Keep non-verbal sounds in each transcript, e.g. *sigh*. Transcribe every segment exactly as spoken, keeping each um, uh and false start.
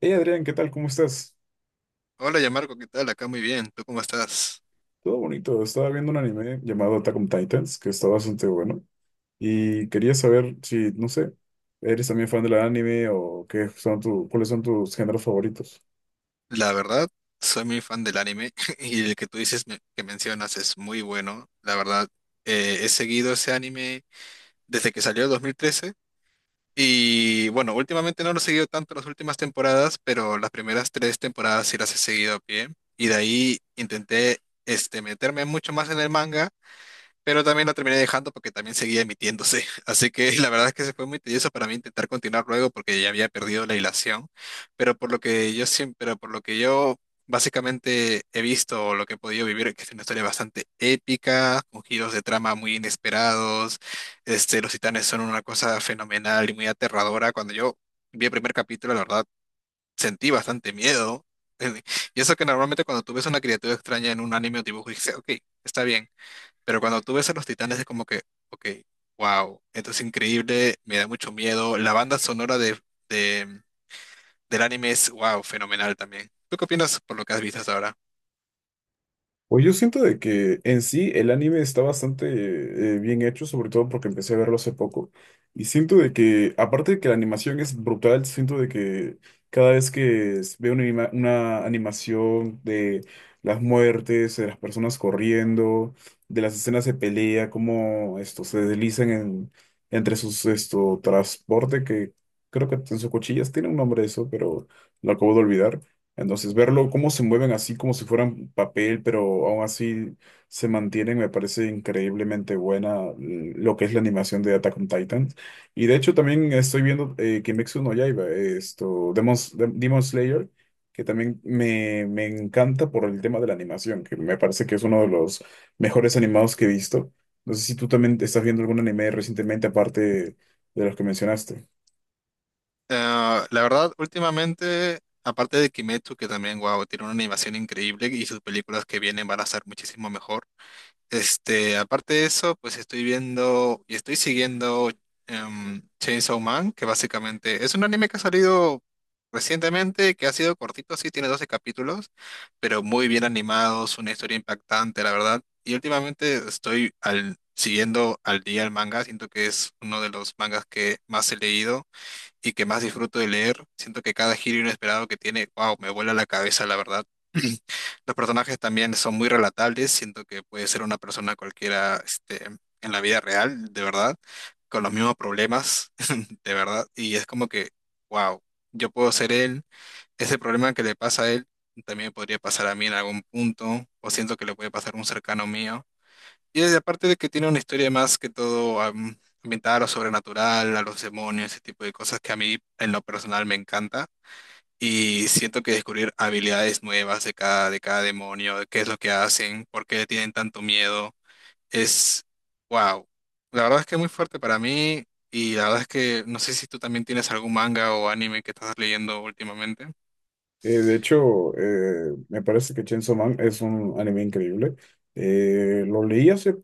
Hey Adrián, ¿qué tal? ¿Cómo estás? Hola, Yamarco, ¿qué tal? Acá muy bien. ¿Tú cómo estás? Todo bonito. Estaba viendo un anime llamado Attack on Titans, que está bastante bueno. Y quería saber si, no sé, ¿eres también fan del anime o qué son tu, cuáles son tus géneros favoritos? La verdad, soy muy fan del anime *laughs* y el que tú dices me- que mencionas es muy bueno. La verdad, eh, he seguido ese anime desde que salió en dos mil trece y bueno, últimamente no lo he seguido tanto las últimas temporadas, pero las primeras tres temporadas sí las he seguido a pie y de ahí intenté este, meterme mucho más en el manga, pero también la terminé dejando porque también seguía emitiéndose. *laughs* Así que la verdad es que se fue muy tedioso para mí intentar continuar luego porque ya había perdido la hilación. Pero por lo que yo siempre, pero por lo que yo básicamente he visto o lo que he podido vivir, que es una historia bastante épica, con giros de trama muy inesperados. Este, los titanes son una cosa fenomenal y muy aterradora. Cuando yo vi el primer capítulo, la verdad, sentí bastante miedo. *laughs* Y eso que normalmente cuando tú ves una criatura extraña en un anime o dibujo, dices, ok, está bien. Pero cuando tú ves a los Titanes es como que, ok, wow, esto es increíble, me da mucho miedo. La banda sonora de, de- del anime es, wow, fenomenal también. ¿Tú qué opinas por lo que has visto hasta ahora? Pues yo siento de que en sí el anime está bastante eh, bien hecho, sobre todo porque empecé a verlo hace poco. Y siento de que, aparte de que la animación es brutal, siento de que cada vez que s- veo una, anima- una animación de las muertes, de las personas corriendo, de las escenas de pelea, cómo esto se deslizan en- entre sus esto transporte, que creo que en sus cuchillas tiene un nombre eso, pero lo acabo de olvidar. Entonces, verlo, cómo se mueven así como si fueran papel, pero aún así se mantienen, me parece increíblemente buena l- lo que es la animación de Attack on Titan. Y de hecho también estoy viendo eh, Kimetsu no Yaiba, eh, esto, Demon, S- Dem- Demon Slayer, que también me, me encanta por el tema de la animación, que me parece que es uno de los mejores animados que he visto. No sé si tú también estás viendo algún anime recientemente aparte de los que mencionaste. Eh, la verdad, últimamente, aparte de Kimetsu, que también, wow, tiene una animación increíble y sus películas que vienen van a ser muchísimo mejor. Este, aparte de eso, pues estoy viendo y estoy siguiendo em, Chainsaw Man, que básicamente es un anime que ha salido recientemente, que ha sido cortito, sí, tiene doce capítulos, pero muy bien animados, una historia impactante, la verdad. Y últimamente estoy al, siguiendo al día el manga, siento que es uno de los mangas que más he leído y que más disfruto de leer. Siento que cada giro inesperado que tiene, wow, me vuela la cabeza, la verdad. *clears throat* Los personajes también son muy relatables, siento que puede ser una persona cualquiera, este, en la vida real, de verdad, con los mismos problemas, *laughs* de verdad, y es como que, wow, yo puedo ser él, ese problema que le pasa a él también podría pasar a mí en algún punto, o siento que le puede pasar a un cercano mío. Y es- aparte de que tiene una historia más que todo am, ambientada a lo sobrenatural, a los demonios, ese tipo de cosas que a mí en lo personal me encanta. Y siento que descubrir habilidades nuevas de cada, de cada demonio, de qué es lo que hacen, por qué tienen tanto miedo, es wow. La verdad es que es muy fuerte para mí y la verdad es que no sé si tú también tienes algún manga o anime que estás leyendo últimamente. Eh, de hecho, eh, me parece que Chainsaw Man es un anime increíble. Eh, lo leí hace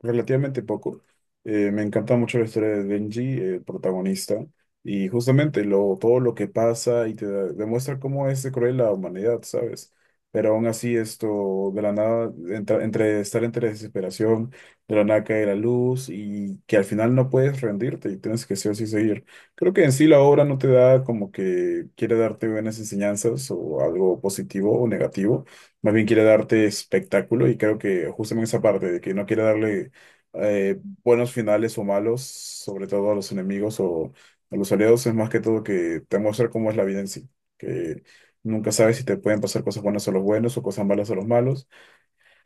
relativamente poco. Eh, me encanta mucho la historia de Denji, el protagonista, y justamente lo, todo lo que pasa y te da- demuestra cómo es de cruel la humanidad, ¿sabes? Pero aún así esto, de la nada, entra- entre estar entre desesperación, de la nada cae la luz y que al final no puedes rendirte y tienes que sí o sí seguir. Creo que en sí la obra no te da como que quiere darte buenas enseñanzas o algo positivo o negativo, más bien quiere darte espectáculo, y creo que justamente esa parte de que no quiere darle eh, buenos finales o malos, sobre todo a los enemigos o a los aliados, es más que todo que te muestra cómo es la vida en sí, que nunca sabes si te pueden pasar cosas buenas a los buenos o cosas malas a los malos,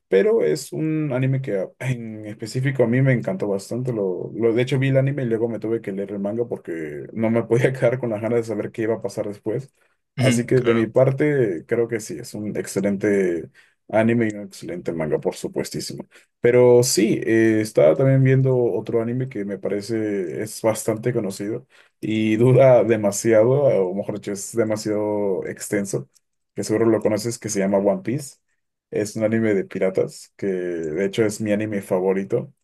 pero es un anime que a- en específico a mí me encantó bastante. Lo, lo, de hecho, vi el anime y luego me tuve que leer el manga porque no me podía *laughs* quedar con las ganas de saber qué iba a pasar después. Así *laughs* que de mi Claro. parte, creo que sí, es un excelente anime y un excelente manga, por supuestísimo. Pero sí, eh, estaba también viendo otro anime que me parece es bastante conocido y dura demasiado, o mejor dicho, es demasiado extenso, que seguro lo conoces, que se llama One Piece. Es un anime de piratas, que de hecho es mi anime favorito.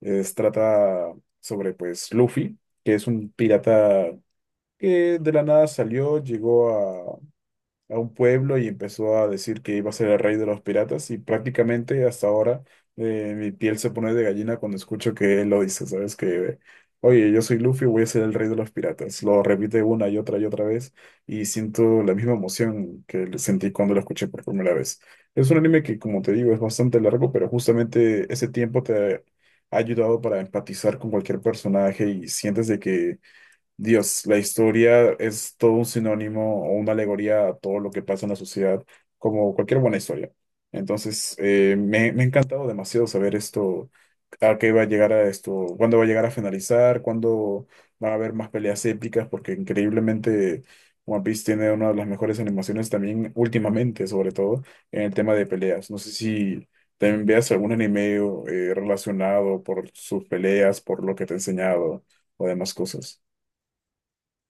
Es, trata sobre pues Luffy, que es un pirata que de la nada salió, llegó a un pueblo y empezó a decir que iba a ser el rey de los piratas, y prácticamente hasta ahora eh, mi piel se pone de gallina cuando escucho que él lo dice, ¿sabes? Que, oye, yo soy Luffy, voy a ser el rey de los piratas. Lo repite una y otra y otra vez, y siento la misma emoción que le sentí cuando lo escuché por primera vez. Es un anime que, como te digo, es bastante largo, pero justamente ese tiempo te ha ayudado para empatizar con cualquier personaje y sientes de que Dios, la historia es todo un sinónimo o una alegoría a todo lo que pasa en la sociedad, como cualquier buena historia. Entonces, eh, me, me ha encantado demasiado saber esto, a qué va a llegar a esto, cuándo va a llegar a finalizar, cuándo van a haber más peleas épicas, porque increíblemente One Piece tiene una de las mejores animaciones también últimamente, sobre todo en el tema de peleas. No sé si también veas algún anime eh, relacionado por sus peleas, por lo que te he enseñado o demás cosas.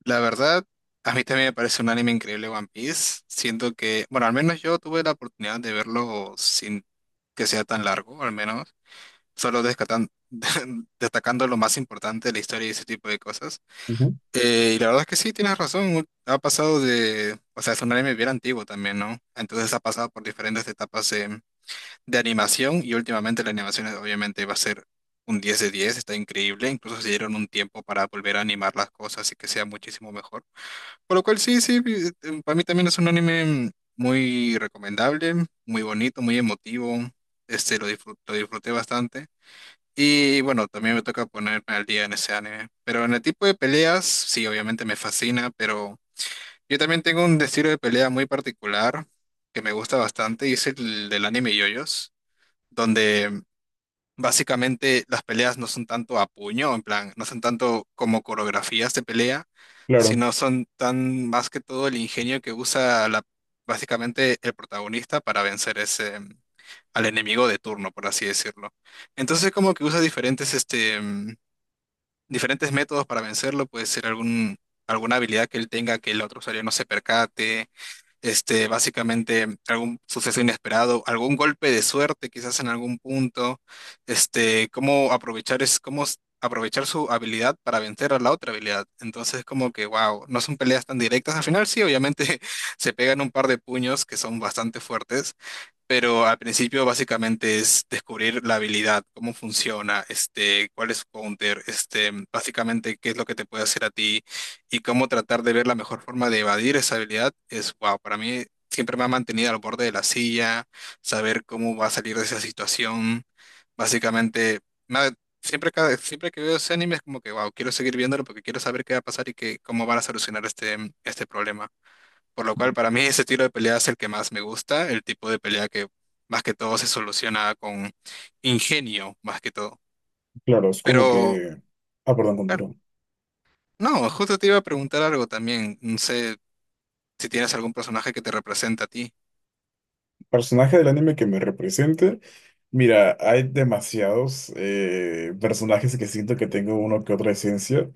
La verdad, a mí también me parece un anime increíble One Piece. Siento que, bueno, al menos yo tuve la oportunidad de verlo sin que sea tan largo, al menos, solo descatan- *laughs* destacando lo más importante de la historia y ese tipo de cosas. Eh, y la verdad es que sí, tienes razón, ha pasado de, o sea, es un anime bien antiguo también, ¿no? Entonces ha pasado por diferentes etapas de, de animación y últimamente la animación es obviamente va a ser un diez de diez, está increíble, incluso se dieron un tiempo para volver a animar las cosas y que sea muchísimo mejor. Por lo cual sí, sí, eh, para mí también es un anime muy recomendable, muy bonito, muy emotivo. Este, lo disfru- lo disfruté bastante. Y bueno, también me toca ponerme al día en ese anime. Pero en el tipo de peleas, sí, obviamente me fascina, pero yo también tengo un estilo de pelea muy particular que me gusta bastante y es el del anime yoyos, donde básicamente las peleas no son tanto a puño, en plan, no son tanto como coreografías de pelea, Claro, sino son tan más que todo el ingenio que usa la, básicamente el protagonista para vencer ese, mm, al enemigo de turno, por así decirlo. Entonces como que usa diferentes, este, mm, diferentes métodos para vencerlo, puede ser algún, alguna habilidad que él tenga que el otro usuario no se percate, este, básicamente algún suceso inesperado, algún golpe de suerte quizás en algún punto, este, cómo aprovechar es, cómo s- aprovechar su habilidad para vencer a la otra habilidad. Entonces, como que, wow, no son peleas tan directas. Al final sí, obviamente *laughs* se pegan un par de puños que son bastante fuertes, pero al principio básicamente es descubrir la habilidad, cómo funciona, este, cuál es su counter, este, básicamente qué es lo que te puede hacer a ti y cómo tratar de ver la mejor forma de evadir esa habilidad es wow, para mí siempre me ha mantenido al borde de la silla, saber cómo va a salir de esa situación, básicamente me ha- siempre cada- siempre que veo ese anime es como que wow, quiero seguir viéndolo porque quiero saber qué va a pasar y que, cómo van a solucionar este este problema. Por lo cual, para mí ese estilo de pelea es el que más me gusta, el tipo de pelea que más que todo se soluciona con ingenio, más que todo. claro, es como Pero, que... Ah, perdón, claro, continúo. no, justo te iba a preguntar algo también. No sé si tienes algún personaje que te representa a ti. Personaje del anime que me represente. Mira, hay demasiados eh, personajes que siento que tengo uno que otra esencia.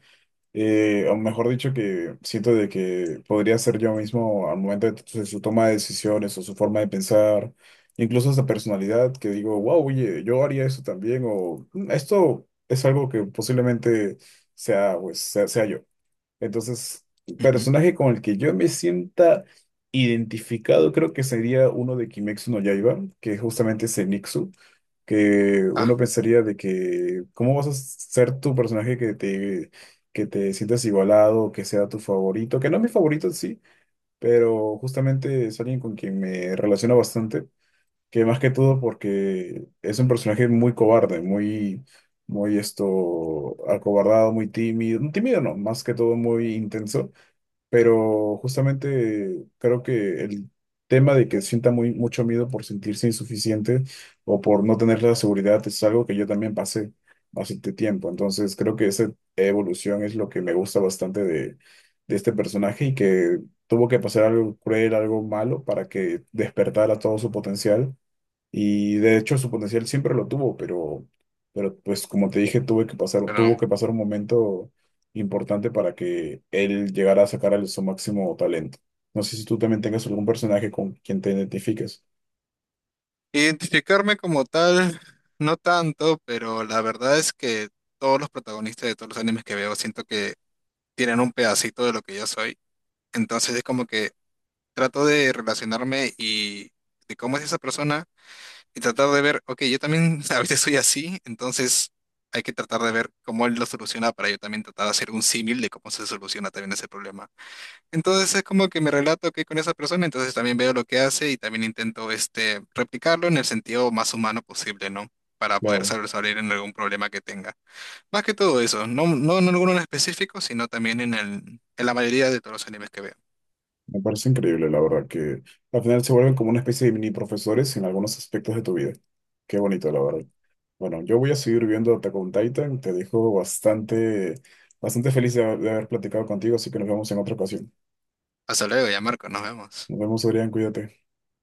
eh, O mejor dicho, que siento de que podría ser yo mismo al momento de su su toma de decisiones o su forma de pensar. Incluso esa personalidad que digo, wow, oye, yo haría eso también. O "Mm, esto es algo que posiblemente sea, pues, sea sea yo. Entonces, Ujú. personaje con el que yo me sienta identificado creo que sería uno de Kimetsu no Yaiba, que justamente es el que uno Ah, pensaría de que, ¿cómo vas a ser tu personaje que te, que te sientas igualado, que sea tu favorito? Que no es mi favorito, sí, pero justamente es alguien con quien me relaciono bastante, que más que todo porque es un personaje muy cobarde, muy, muy esto, acobardado, muy tímido, no, tímido no, más que todo muy intenso, pero justamente creo que el tema de que sienta muy, mucho miedo por sentirse insuficiente o por no tener la seguridad es algo que yo también pasé hace t- tiempo, entonces creo que esa evolución es lo que me gusta bastante de, de este personaje y que tuvo que pasar algo cruel, algo malo para que despertara todo su potencial, y de hecho su potencial siempre lo tuvo, pero, pero pues como te dije, tuve que pasar, tuvo pero que pasar un momento importante para que él llegara a sacar el- su máximo talento. No sé si tú también tengas algún personaje con quien te identifiques. identificarme como tal, no tanto, pero la verdad es que todos los protagonistas de todos los animes que veo siento que tienen un pedacito de lo que yo soy. Entonces es como que trato de relacionarme y de cómo es esa persona y tratar de ver, ok, yo también *laughs* a veces soy así, entonces hay que tratar de ver cómo él lo soluciona para yo también tratar de hacer un símil de cómo se soluciona también ese problema. Entonces es como que me relato que con esa persona, entonces también veo lo que hace y también intento, este, replicarlo en el sentido más humano posible, ¿no?, para poder Claro, salir en algún problema que tenga. Más que todo eso, no, no en alguno en específico, sino también en el, en la mayoría de todos los animes que veo. me parece increíble, la verdad, que al final se vuelven como una especie de mini profesores en algunos aspectos de tu vida. Qué bonito, la verdad. Bueno, yo voy a seguir viendo Attack on Titan. Te dejo bastante, bastante feliz de de haber platicado contigo, así que nos vemos en otra ocasión. Hasta luego, ya Marco, nos vemos. Nos vemos, Adrián, cuídate.